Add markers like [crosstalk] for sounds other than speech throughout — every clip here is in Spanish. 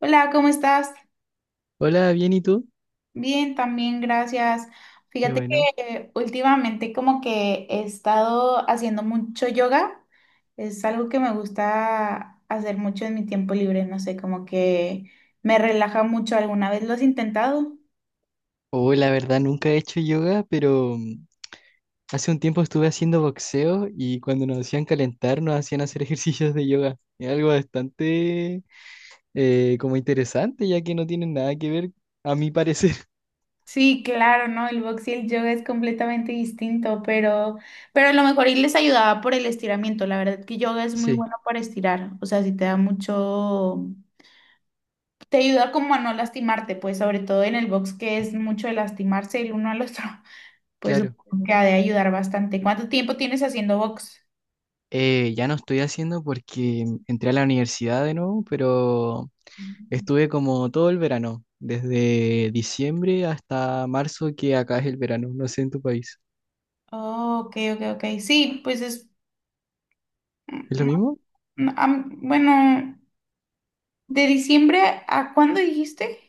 Hola, ¿cómo estás? Hola, bien, ¿y tú? Bien, también, gracias. Qué Fíjate bueno. que últimamente como que he estado haciendo mucho yoga. Es algo que me gusta hacer mucho en mi tiempo libre, no sé, como que me relaja mucho. ¿Alguna vez lo has intentado? Oh, la verdad, nunca he hecho yoga, pero hace un tiempo estuve haciendo boxeo y cuando nos hacían calentar, nos hacían hacer [laughs] ejercicios de yoga. Es algo bastante como interesante, ya que no tienen nada que ver, a mi parecer. [laughs] Sí, claro, ¿no? El box y el yoga es completamente distinto, pero a lo mejor y les ayudaba por el estiramiento. La verdad que yoga es muy Sí, bueno para estirar, o sea, si te da mucho. Te ayuda como a no lastimarte, pues sobre todo en el box que es mucho de lastimarse el uno al otro, [laughs] pues claro. supongo que ha de ayudar bastante. ¿Cuánto tiempo tienes haciendo box? Ya no estoy haciendo porque entré a la universidad de nuevo, pero Mm. estuve como todo el verano, desde diciembre hasta marzo, que acá es el verano. No sé en tu país. Oh, ok, ok, ok. Sí, pues es, ¿Es lo mm, mismo? Bueno, de diciembre ¿a cuándo dijiste?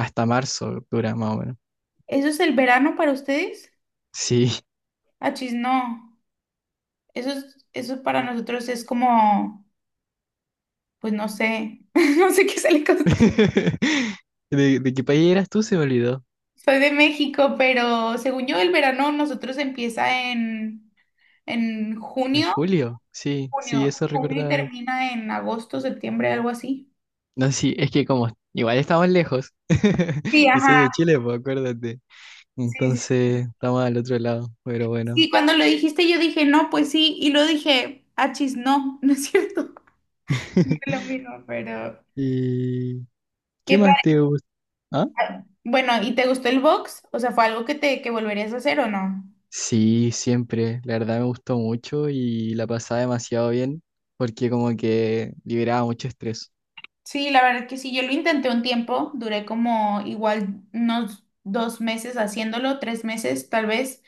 Hasta marzo dura más o menos. ¿Eso es el verano para ustedes? Sí. Achis, no. Eso es, eso para nosotros es como, pues no sé, [laughs] no sé qué se le con- [laughs] ¿De qué país eras tú? Se me olvidó. Soy de México, pero según yo el verano nosotros empieza en ¿En junio, julio? Sí, sí, junio, eso junio y recordaba. termina en agosto, septiembre, algo así. No, sí, es que como igual estamos lejos. Sí, [laughs] Yo ajá, soy de Chile, pues acuérdate. sí, sí. Entonces estamos al otro lado, pero bueno. Sí, cuando lo dijiste yo dije, no, pues sí, y lo dije, achis, no, [laughs] no es cierto. [laughs] No es lo [laughs] mismo, pero... ¿Y qué ¿Qué más te gusta? ¿Ah? padre? Bueno, ¿y te gustó el box? O sea, ¿fue algo que te que volverías a hacer o no? Sí, siempre. La verdad me gustó mucho y la pasaba demasiado bien porque como que liberaba mucho estrés. Sí, la verdad que sí, yo lo intenté un tiempo, duré como igual unos dos meses haciéndolo, tres meses tal vez,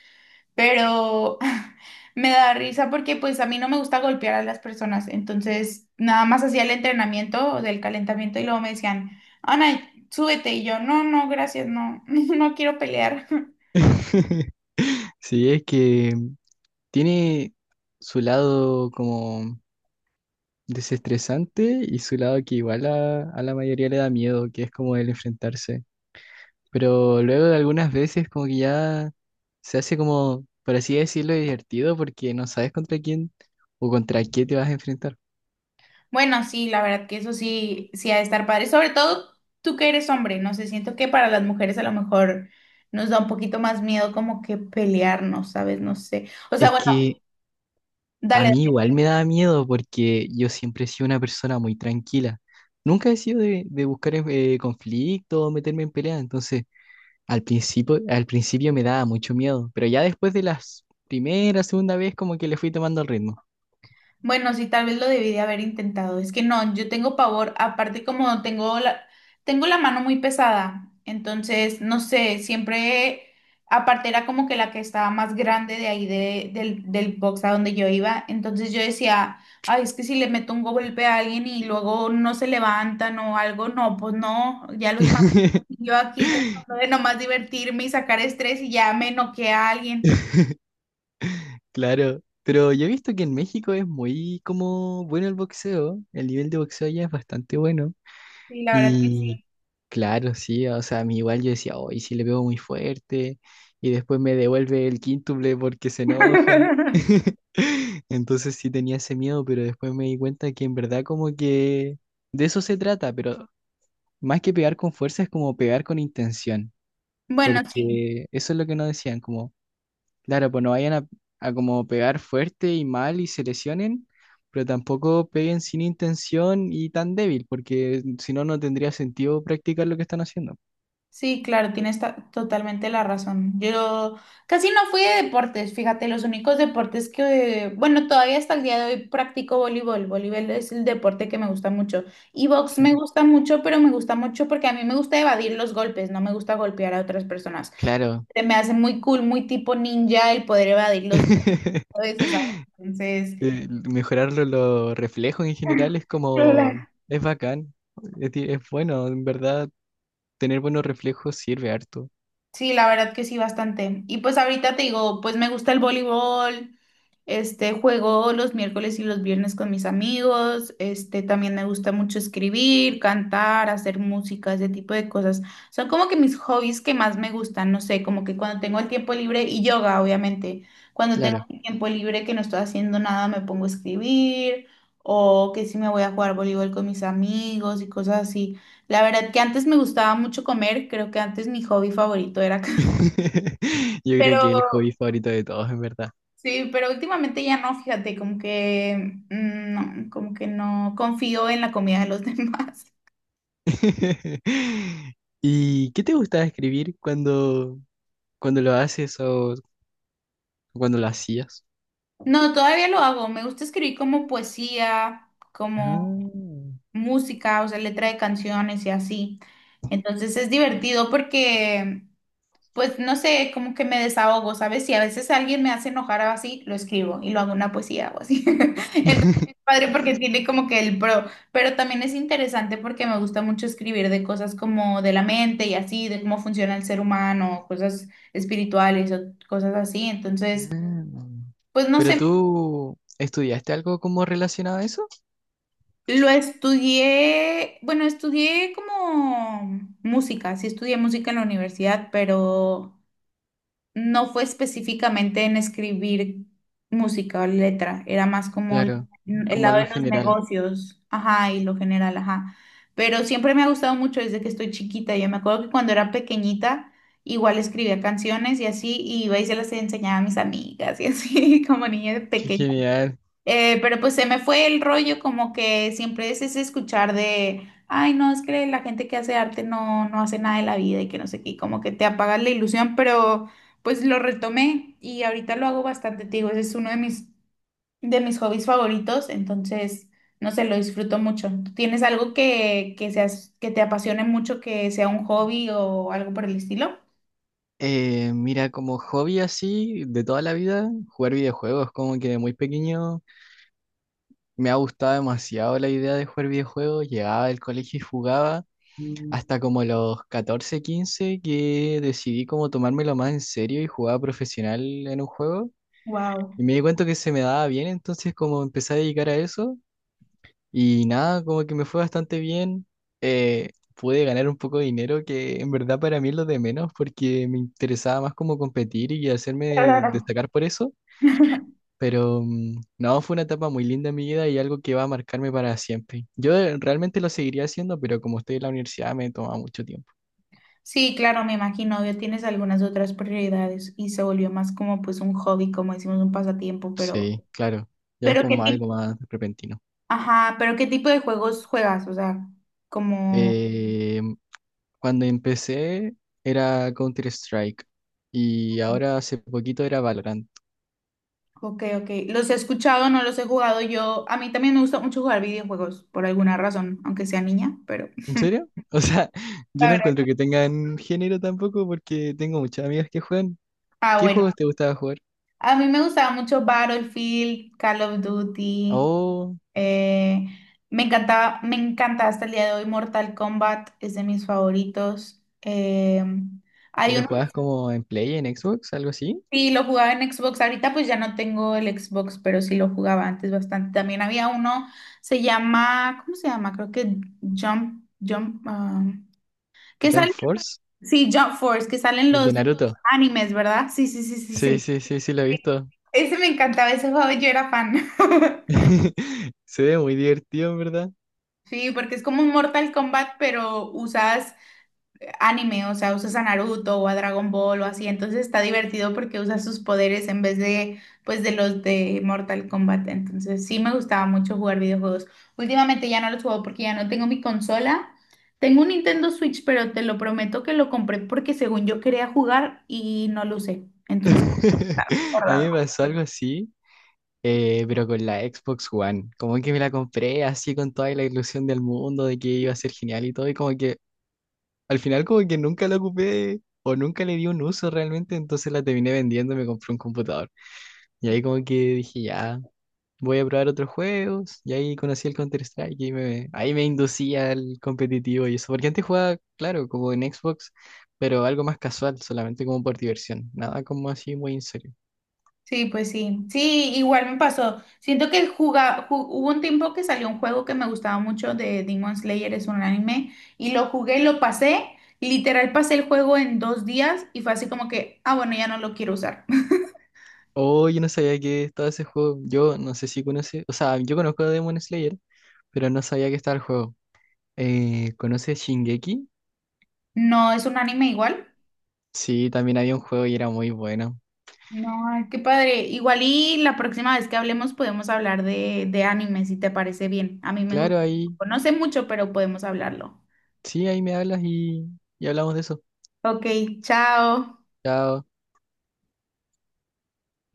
pero [laughs] me da risa porque pues a mí no me gusta golpear a las personas, entonces nada más hacía el entrenamiento del calentamiento y luego me decían, Ana, súbete y yo, no, no, gracias, no, [laughs] no quiero pelear. [laughs] [laughs] Sí, es que tiene su lado como desestresante y su lado que igual a la mayoría le da miedo, que es como el enfrentarse. Pero luego de algunas veces como que ya se hace como, por así decirlo, divertido porque no sabes contra quién o contra qué te vas a enfrentar. Bueno, sí, la verdad que eso sí, sí ha de estar padre, sobre todo tú que eres hombre, no sé, siento que para las mujeres a lo mejor nos da un poquito más miedo como que pelearnos, ¿sabes? No sé. O sea, Es bueno, que a dale. mí igual me da miedo porque yo siempre he sido una persona muy tranquila. Nunca he sido de buscar conflicto o meterme en pelea, entonces... Al principio me daba mucho miedo, pero ya después de las primera, segunda vez como que le fui tomando el ritmo. Bueno, sí, tal vez lo debí de haber intentado. Es que no, yo tengo pavor, aparte como tengo la mano muy pesada, entonces, no sé, siempre, aparte era como que la que estaba más grande de ahí del box a donde yo iba, entonces yo decía, ay, es que si le meto un golpe a alguien y luego no se levantan o algo, no, pues no, ya los mato. [laughs] Yo aquí tratando de nomás divertirme y sacar estrés y ya me noqué a alguien. Claro, pero yo he visto que en México es muy como bueno el boxeo, el nivel de boxeo allá es bastante bueno. Sí, la verdad que sí. Y claro, sí, o sea, a mí igual yo decía, hoy y si le pego muy fuerte, y después me devuelve el quíntuple porque se enoja. [laughs] [laughs] Entonces sí tenía ese miedo, pero después me di cuenta que en verdad como que de eso se trata, pero más que pegar con fuerza es como pegar con intención, Bueno, sí. porque eso es lo que nos decían, como, claro, pues no vayan a como pegar fuerte y mal y se lesionen, pero tampoco peguen sin intención y tan débil, porque si no, no tendría sentido practicar lo que están haciendo. Sí, claro, tienes totalmente la razón. Yo casi no fui de deportes, fíjate, los únicos deportes que, bueno, todavía hasta el día de hoy practico voleibol. Voleibol es el deporte que me gusta mucho. Y box me Claro. gusta mucho, pero me gusta mucho porque a mí me gusta evadir los golpes, no me gusta golpear a otras personas. Claro. Se me hace muy cool, muy tipo ninja el poder evadir los [laughs] golpes, o sea, entonces... Mejorar los reflejos en general [laughs] es Claro. como, es bacán, es, es bueno, en verdad, tener buenos reflejos sirve harto. Sí, la verdad que sí, bastante. Y pues ahorita te digo, pues me gusta el voleibol, este, juego los miércoles y los viernes con mis amigos. Este, también me gusta mucho escribir, cantar, hacer música, ese tipo de cosas. Son como que mis hobbies que más me gustan, no sé, como que cuando tengo el tiempo libre y yoga, obviamente. Cuando tengo Claro. el tiempo libre que no estoy haciendo nada, me pongo a escribir o que si me voy a jugar voleibol con mis amigos y cosas así. La verdad que antes me gustaba mucho comer, creo que antes mi hobby favorito era, [laughs] [laughs] Yo creo que es el pero hobby favorito de todos, en verdad. sí, pero últimamente ya no, fíjate, como que no, como que no confío en la comida de los [laughs] demás. [laughs] ¿Y qué te gustaba escribir cuando, cuando lo haces o cuando lo hacías? No, todavía lo hago. Me gusta escribir como poesía, como Ah, música, o sea, letra de canciones y así. Entonces es divertido porque pues no sé, como que me desahogo, ¿sabes? Si a veces alguien me hace enojar o así, lo escribo y lo hago una poesía o así. [laughs] Entonces, [laughs] padre, porque tiene como que el pro, pero también es interesante porque me gusta mucho escribir de cosas como de la mente y así, de cómo funciona el ser humano, cosas espirituales o cosas así. Entonces, ah. pues no ¿Pero sé, tú estudiaste algo como relacionado a eso? lo estudié, bueno, estudié como música, sí estudié música en la universidad, pero... No fue específicamente en escribir música o letra, era más como el Claro, el como lado algo de los general. negocios, ajá, y lo general, ajá. Pero siempre me ha gustado mucho desde que estoy chiquita. Yo me acuerdo que cuando era pequeñita, igual escribía canciones y así, y iba y se las enseñaba a mis amigas y así, [laughs] como niña de Qué genial. Pero pues se me fue el rollo como que siempre es ese escuchar de, ay, no, es que la gente que hace arte no, no hace nada de la vida y que no sé qué, y como que te apagas la ilusión, pero pues lo retomé y ahorita lo hago bastante, te digo, ese es uno de mis hobbies favoritos, entonces, no sé, lo disfruto mucho. ¿Tú tienes algo que seas, que te apasione mucho, que sea un hobby o algo por el estilo? Mira, como hobby así de toda la vida, jugar videojuegos, como que de muy pequeño me ha gustado demasiado la idea de jugar videojuegos. Llegaba del colegio y jugaba. Hasta como los 14 15 que decidí como tomármelo más en serio y jugaba profesional en un juego. Y Wow. me di cuenta que se me daba bien, entonces como empecé a dedicar a eso y nada, como que me fue bastante bien. Pude ganar un poco de dinero que en verdad para mí es lo de menos porque me interesaba más como competir y hacerme [laughs] destacar por eso. Pero no, fue una etapa muy linda en mi vida y algo que va a marcarme para siempre. Yo realmente lo seguiría haciendo, pero como estoy en la universidad me toma mucho tiempo. Sí, claro, me imagino, obvio, tienes algunas otras prioridades y se volvió más como pues un hobby, como decimos, un pasatiempo, Sí, claro, ya es pero qué como tipo, algo más repentino. ajá, pero qué tipo de juegos juegas, o sea, como, Eh, Cuando empecé era Counter-Strike y ahora hace poquito era Valorant. ok, ok, los he escuchado, no los he jugado yo, a mí también me gusta mucho jugar videojuegos, por alguna razón, aunque sea niña, pero, ¿En serio? [laughs] O sea, yo la no verdad, encuentro que tengan género tampoco porque tengo muchas amigas que juegan. ah, ¿Qué bueno, juegos te gustaba jugar? a mí me gustaba mucho Battlefield, Call of Duty, Oh, Eh, me encanta hasta el día de hoy Mortal Kombat, es de mis favoritos. ¿Y Hay lo uno que jugabas como en Play, en Xbox, algo así? sí lo jugaba en Xbox, ahorita pues ya no tengo el Xbox, pero sí lo jugaba antes bastante. También había uno, se llama, ¿cómo se llama? Creo que ah, ¿qué Jump sale? Force, Sí, Jump Force, que salen el de los Naruto. animes, ¿verdad? Sí, sí, sí, sí, Sí, sí. sí, sí, sí, lo he visto. Ese me encantaba, ese juego yo era fan. [laughs] [laughs] Se ve muy divertido, en verdad. Sí, porque es como un Mortal Kombat, pero usas anime, o sea, usas a Naruto o a Dragon Ball o así, entonces está divertido porque usas sus poderes en vez de, pues, de los de Mortal Kombat, entonces sí me gustaba mucho jugar videojuegos. Últimamente ya no los juego porque ya no tengo mi consola. Tengo un Nintendo Switch, pero te lo prometo que lo compré porque según yo quería jugar y no lo usé. Entonces, [laughs] está A mí guardado. me pasó algo así. Pero con la Xbox One, como que me la compré así con toda la ilusión del mundo de que iba a ser genial y todo, y como que al final como que nunca la ocupé o nunca le di un uso realmente, entonces la terminé vendiendo y me compré un computador. Y ahí como que dije, ya, voy a probar otros juegos, y ahí conocí el Counter-Strike y me, ahí me inducía al competitivo y eso, porque antes jugaba, claro, como en Xbox, pero algo más casual, solamente como por diversión, nada como así muy en serio. Sí, pues sí. Sí, igual me pasó. Siento que hubo un tiempo que salió un juego que me gustaba mucho de Demon Slayer, es un anime, y lo jugué, lo pasé, literal pasé el juego en dos días y fue así como que, ah, bueno, ya no lo quiero usar. [laughs] Oh, yo no sabía que estaba ese juego. Yo no sé si conoce, o sea, yo conozco a Demon Slayer, pero no sabía que estaba el juego. ¿Conoces Shingeki? No, es un anime igual. Sí, también había un juego y era muy bueno. No, ay, qué padre. Igual y la próxima vez que hablemos podemos hablar de anime, si te parece bien. A mí me gusta. Claro, ahí, No sé mucho, pero podemos hablarlo. sí, ahí me hablas y hablamos de eso. Ok, chao. Chao.